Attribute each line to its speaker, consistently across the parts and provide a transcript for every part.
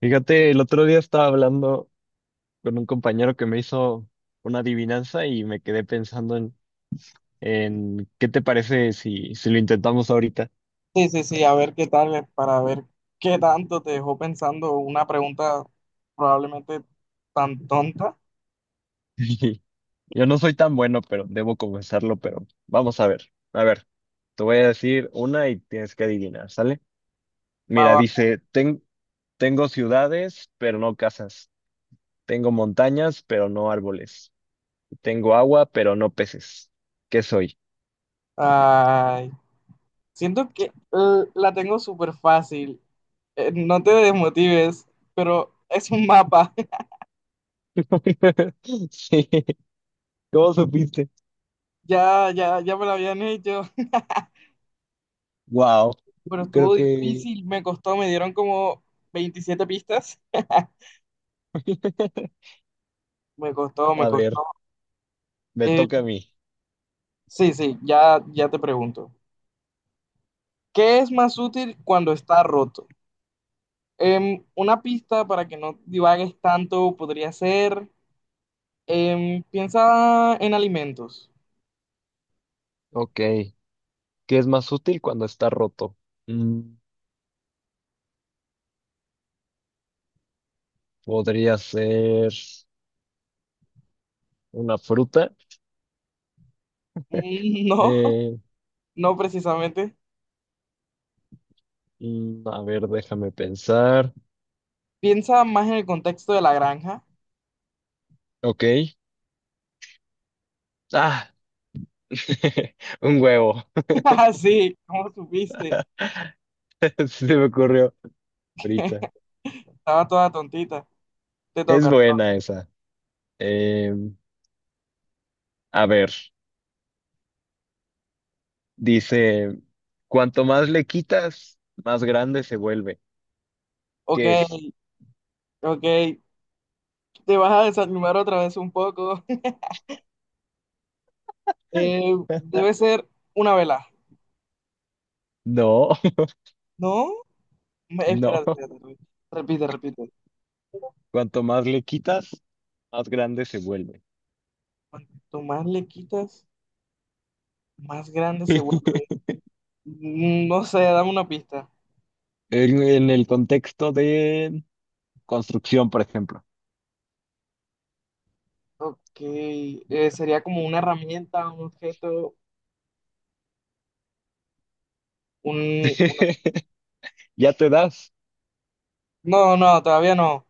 Speaker 1: Fíjate, el otro día estaba hablando con un compañero que me hizo una adivinanza y me quedé pensando en qué te parece si lo intentamos ahorita.
Speaker 2: Sí, sí, sí, a ver qué tal, para ver qué tanto te dejó pensando una pregunta probablemente tan tonta.
Speaker 1: Yo no soy tan bueno, pero debo confesarlo, pero vamos a ver. A ver, te voy a decir una y tienes que adivinar, ¿sale?
Speaker 2: Va,
Speaker 1: Mira,
Speaker 2: va.
Speaker 1: dice, Tengo ciudades, pero no casas. Tengo montañas, pero no árboles. Tengo agua, pero no peces. ¿Qué soy?"
Speaker 2: Ay, siento que la tengo súper fácil. No te desmotives, pero es un mapa.
Speaker 1: Sí, ¿cómo supiste?
Speaker 2: Ya, ya, me lo habían hecho,
Speaker 1: Wow,
Speaker 2: pero
Speaker 1: creo
Speaker 2: estuvo
Speaker 1: que,
Speaker 2: difícil, me costó, me dieron como 27 pistas. Me costó, me
Speaker 1: a ver,
Speaker 2: costó.
Speaker 1: me
Speaker 2: Eh,
Speaker 1: toca a mí.
Speaker 2: sí, sí, ya, te pregunto. ¿Qué es más útil cuando está roto? Una pista para que no divagues tanto podría ser, piensa en alimentos.
Speaker 1: Ok, ¿qué es más útil cuando está roto? Mm, podría ser una fruta.
Speaker 2: Mm, no,
Speaker 1: Eh,
Speaker 2: no precisamente.
Speaker 1: a ver, déjame pensar.
Speaker 2: Piensa más en el contexto de la granja.
Speaker 1: Ok, ah, un huevo,
Speaker 2: Ah, sí, ¿cómo supiste?
Speaker 1: se me ocurrió ahorita.
Speaker 2: Estaba toda tontita. Te
Speaker 1: Es
Speaker 2: toca, te toca.
Speaker 1: buena esa. Em, a ver, dice, cuanto más le quitas, más grande se vuelve.
Speaker 2: Ok,
Speaker 1: ¿Qué es?
Speaker 2: ok. Te vas a desanimar otra vez un poco. Debe ser una vela.
Speaker 1: No,
Speaker 2: ¿No? Espera,
Speaker 1: no.
Speaker 2: espera, espera. Repite, repite.
Speaker 1: Cuanto más le quitas, más grande se vuelve.
Speaker 2: Cuanto más le quitas, más grande se vuelve. Mm, no sé, dame una pista.
Speaker 1: En el contexto de construcción, por ejemplo.
Speaker 2: Ok, sería como una herramienta, un objeto, un... una-
Speaker 1: Ya te das.
Speaker 2: No, no, todavía no.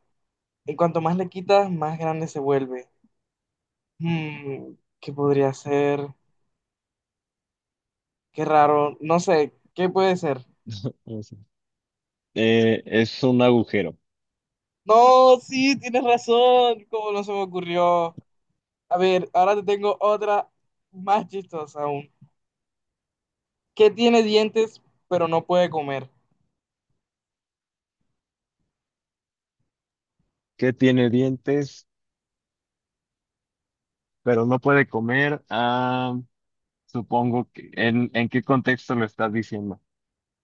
Speaker 2: En cuanto más le quitas, más grande se vuelve. Mm, ¿qué podría ser? Qué raro, no sé, ¿qué puede ser?
Speaker 1: Eso. Es un agujero
Speaker 2: No, sí, tienes razón, ¿cómo no se me ocurrió? A ver, ahora te tengo otra más chistosa aún. ¿Qué tiene dientes pero no puede comer?
Speaker 1: que tiene dientes, pero no puede comer. Ah, supongo que ¿en qué contexto lo estás diciendo?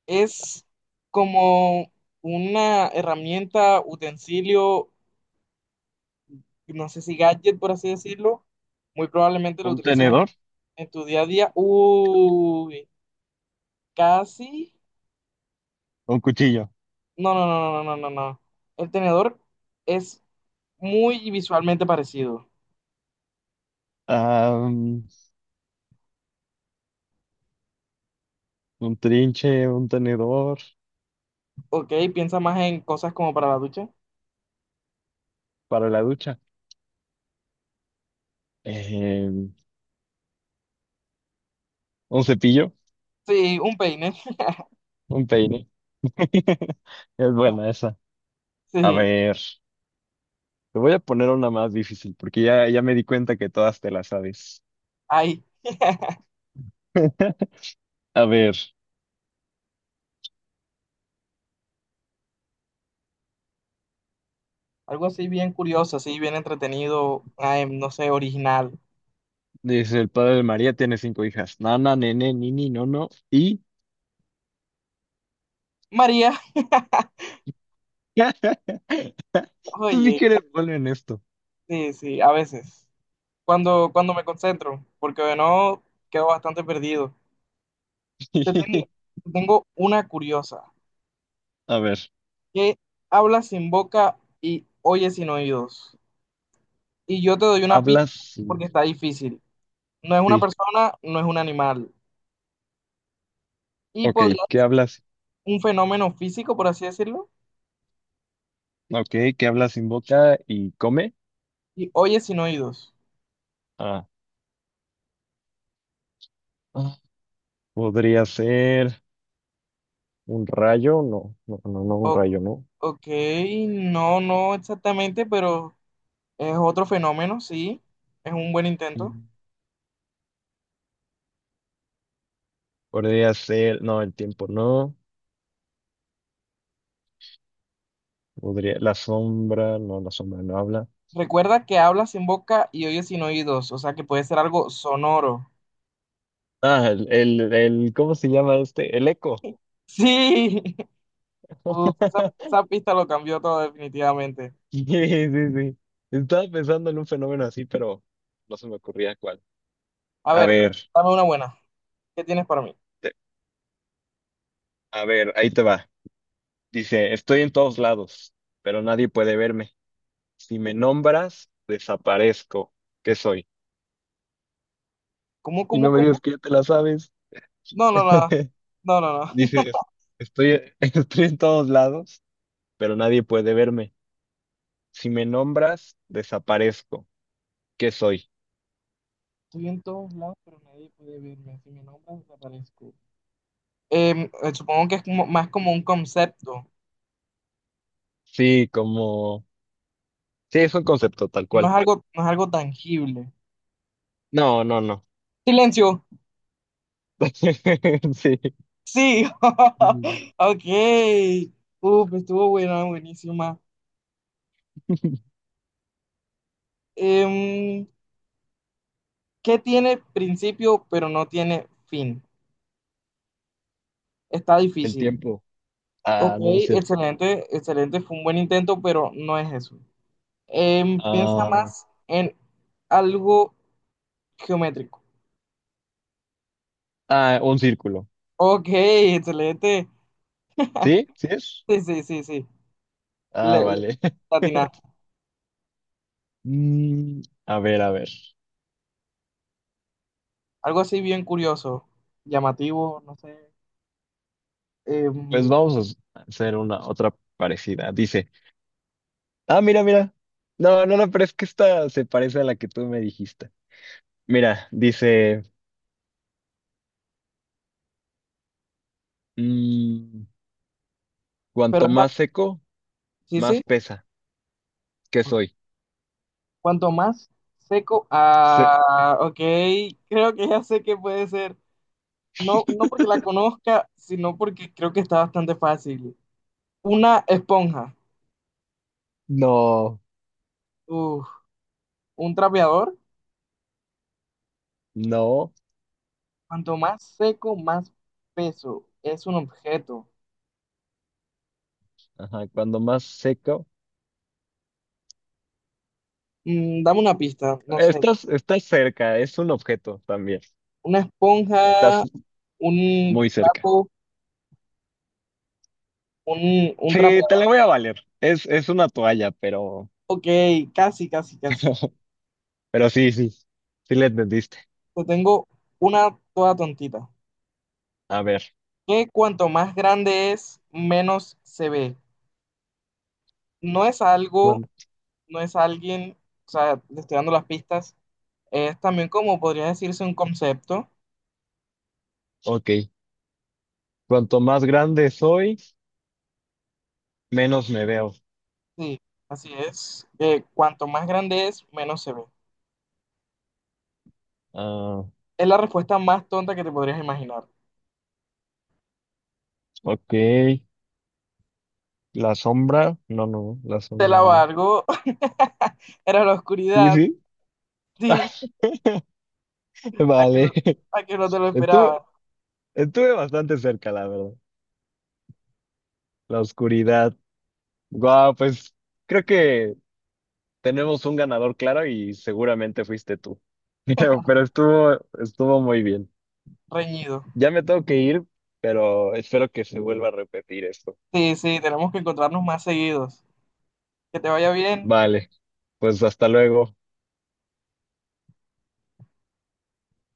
Speaker 2: Es como una herramienta, utensilio, no sé si gadget, por así decirlo. Muy probablemente lo
Speaker 1: ¿Un
Speaker 2: utilices
Speaker 1: tenedor?
Speaker 2: en tu día a día. Uy, casi.
Speaker 1: ¿Un cuchillo?
Speaker 2: No, no, no, no, no, no, no. El tenedor es muy visualmente parecido.
Speaker 1: Ah, mm, un trinche, un tenedor
Speaker 2: Ok, piensa más en cosas como para la ducha.
Speaker 1: para la ducha. Eh, un cepillo,
Speaker 2: Sí, un peine.
Speaker 1: un peine. Es buena esa. A
Speaker 2: Sí,
Speaker 1: ver, te voy a poner una más difícil porque ya me di cuenta que todas te las sabes.
Speaker 2: ahí
Speaker 1: A ver,
Speaker 2: algo así bien curioso, así bien entretenido. Ay, no sé, original.
Speaker 1: dice el padre de María tiene cinco hijas: Nana, nene, nini, nono y...
Speaker 2: María.
Speaker 1: Tú sí
Speaker 2: Oye.
Speaker 1: que eres bueno en esto.
Speaker 2: Sí, sí, a veces. Cuando me concentro, porque de no quedo bastante perdido. Te tengo, te tengo una curiosa,
Speaker 1: A ver,
Speaker 2: que habla sin boca y oye sin oídos. Y yo te doy una pista
Speaker 1: hablas... sin-
Speaker 2: porque está difícil. No es una
Speaker 1: Sí,
Speaker 2: persona, no es un animal. Y
Speaker 1: ok,
Speaker 2: podría
Speaker 1: ¿qué
Speaker 2: ser
Speaker 1: hablas?
Speaker 2: un fenómeno físico, por así decirlo,
Speaker 1: Ok, ¿qué hablas sin boca y come?
Speaker 2: y oye sin oídos.
Speaker 1: Ah, ah, podría ser un rayo, un
Speaker 2: O-
Speaker 1: rayo, no.
Speaker 2: ok, no, no exactamente, pero es otro fenómeno, sí. Es un buen intento.
Speaker 1: Mm. Podría ser, no, el tiempo, no. Podría, la sombra no habla.
Speaker 2: Recuerda que hablas sin boca y oyes sin oídos, o sea que puede ser algo sonoro.
Speaker 1: Ah, ¿cómo se llama este? El eco.
Speaker 2: Sí. Uf, esa pista lo cambió todo definitivamente.
Speaker 1: Sí, sí, sí. Estaba pensando en un fenómeno así, pero no se me ocurría cuál.
Speaker 2: A
Speaker 1: A
Speaker 2: ver,
Speaker 1: ver,
Speaker 2: dame una buena. ¿Qué tienes para mí?
Speaker 1: te- a ver, ahí te va. Dice, estoy en todos lados, pero nadie puede verme. Si me nombras, desaparezco. ¿Qué soy?
Speaker 2: ¿Cómo,
Speaker 1: Y no
Speaker 2: cómo,
Speaker 1: me digas
Speaker 2: cómo?
Speaker 1: que ya te la sabes.
Speaker 2: No, no, no, no, no, no.
Speaker 1: Dices, estoy en todos lados, pero nadie puede verme. Si me nombras, desaparezco. ¿Qué soy?
Speaker 2: Estoy en todos lados, pero nadie puede verme. Si me nombras, desaparezco. Supongo que es más como un concepto.
Speaker 1: Sí, como... Sí, es un concepto tal
Speaker 2: No es
Speaker 1: cual.
Speaker 2: algo, no es algo tangible.
Speaker 1: No, no, no.
Speaker 2: Silencio.
Speaker 1: Sí.
Speaker 2: Sí.
Speaker 1: Mm.
Speaker 2: Ok. Uf, estuvo buena, buenísima. Em, Qué tiene principio pero no tiene fin. Está
Speaker 1: El
Speaker 2: difícil.
Speaker 1: tiempo.
Speaker 2: Ok,
Speaker 1: Ah, no, no es cierto.
Speaker 2: excelente, excelente, fue un buen intento, pero no es eso. Piensa
Speaker 1: Ah,
Speaker 2: más en algo geométrico.
Speaker 1: ah, un círculo.
Speaker 2: Ok, excelente.
Speaker 1: ¿Sí? ¿Sí es?
Speaker 2: Sí, sí, sí, sí.
Speaker 1: Ah,
Speaker 2: Le
Speaker 1: vale.
Speaker 2: atinaste.
Speaker 1: Mm, a ver, a ver.
Speaker 2: Algo así bien curioso, llamativo, no sé.
Speaker 1: Pues
Speaker 2: Em,
Speaker 1: vamos a hacer una otra parecida. Dice, ah, mira, mira. No, no, no, pero es que esta se parece a la que tú me dijiste. Mira, dice, mm,
Speaker 2: pero
Speaker 1: cuanto más
Speaker 2: es
Speaker 1: seco,
Speaker 2: así, sí, sí.
Speaker 1: más pesa. ¿Qué soy?
Speaker 2: Cuanto más seco, ah, ok, creo que ya sé qué puede ser. No, no porque la conozca, sino porque creo que está bastante fácil. Una esponja,
Speaker 1: No,
Speaker 2: uf, un trapeador,
Speaker 1: no.
Speaker 2: cuanto más seco, más peso. Es un objeto.
Speaker 1: Ajá, cuando más seco.
Speaker 2: Mm, dame una pista, no sé.
Speaker 1: Estás cerca, es un objeto también.
Speaker 2: Una esponja,
Speaker 1: Estás
Speaker 2: un
Speaker 1: muy cerca.
Speaker 2: trapo, un
Speaker 1: Sí, te
Speaker 2: trapeador.
Speaker 1: la voy a valer. Es una toalla, pero
Speaker 2: Ok, casi, casi, casi.
Speaker 1: pero sí, sí, sí le entendiste.
Speaker 2: Yo tengo una toda tontita.
Speaker 1: A ver,
Speaker 2: Que cuanto más grande es, menos se ve. No es algo,
Speaker 1: cuan-
Speaker 2: no es alguien, o sea, le estoy dando las pistas. Es también como podría decirse un concepto.
Speaker 1: ok. Cuanto más grande soy, menos me veo.
Speaker 2: Sí, así es. Cuanto más grande es, menos se ve.
Speaker 1: Ah,
Speaker 2: Es la respuesta más tonta que te podrías imaginar.
Speaker 1: ok. La sombra, no, no, la
Speaker 2: Te
Speaker 1: sombra
Speaker 2: la
Speaker 1: no.
Speaker 2: valgo. Era la
Speaker 1: Sí,
Speaker 2: oscuridad.
Speaker 1: sí.
Speaker 2: Sí, a que no,
Speaker 1: Vale.
Speaker 2: a que no te lo
Speaker 1: Estuve,
Speaker 2: esperaba.
Speaker 1: estuve bastante cerca, la verdad. La oscuridad. Guau, pues creo que tenemos un ganador claro y seguramente fuiste tú. Pero estuvo muy bien.
Speaker 2: Reñido.
Speaker 1: Ya me tengo que ir, pero espero que se vuelva a repetir esto.
Speaker 2: Sí, sí, tenemos que encontrarnos más seguidos. Que te vaya bien.
Speaker 1: Vale, pues hasta luego.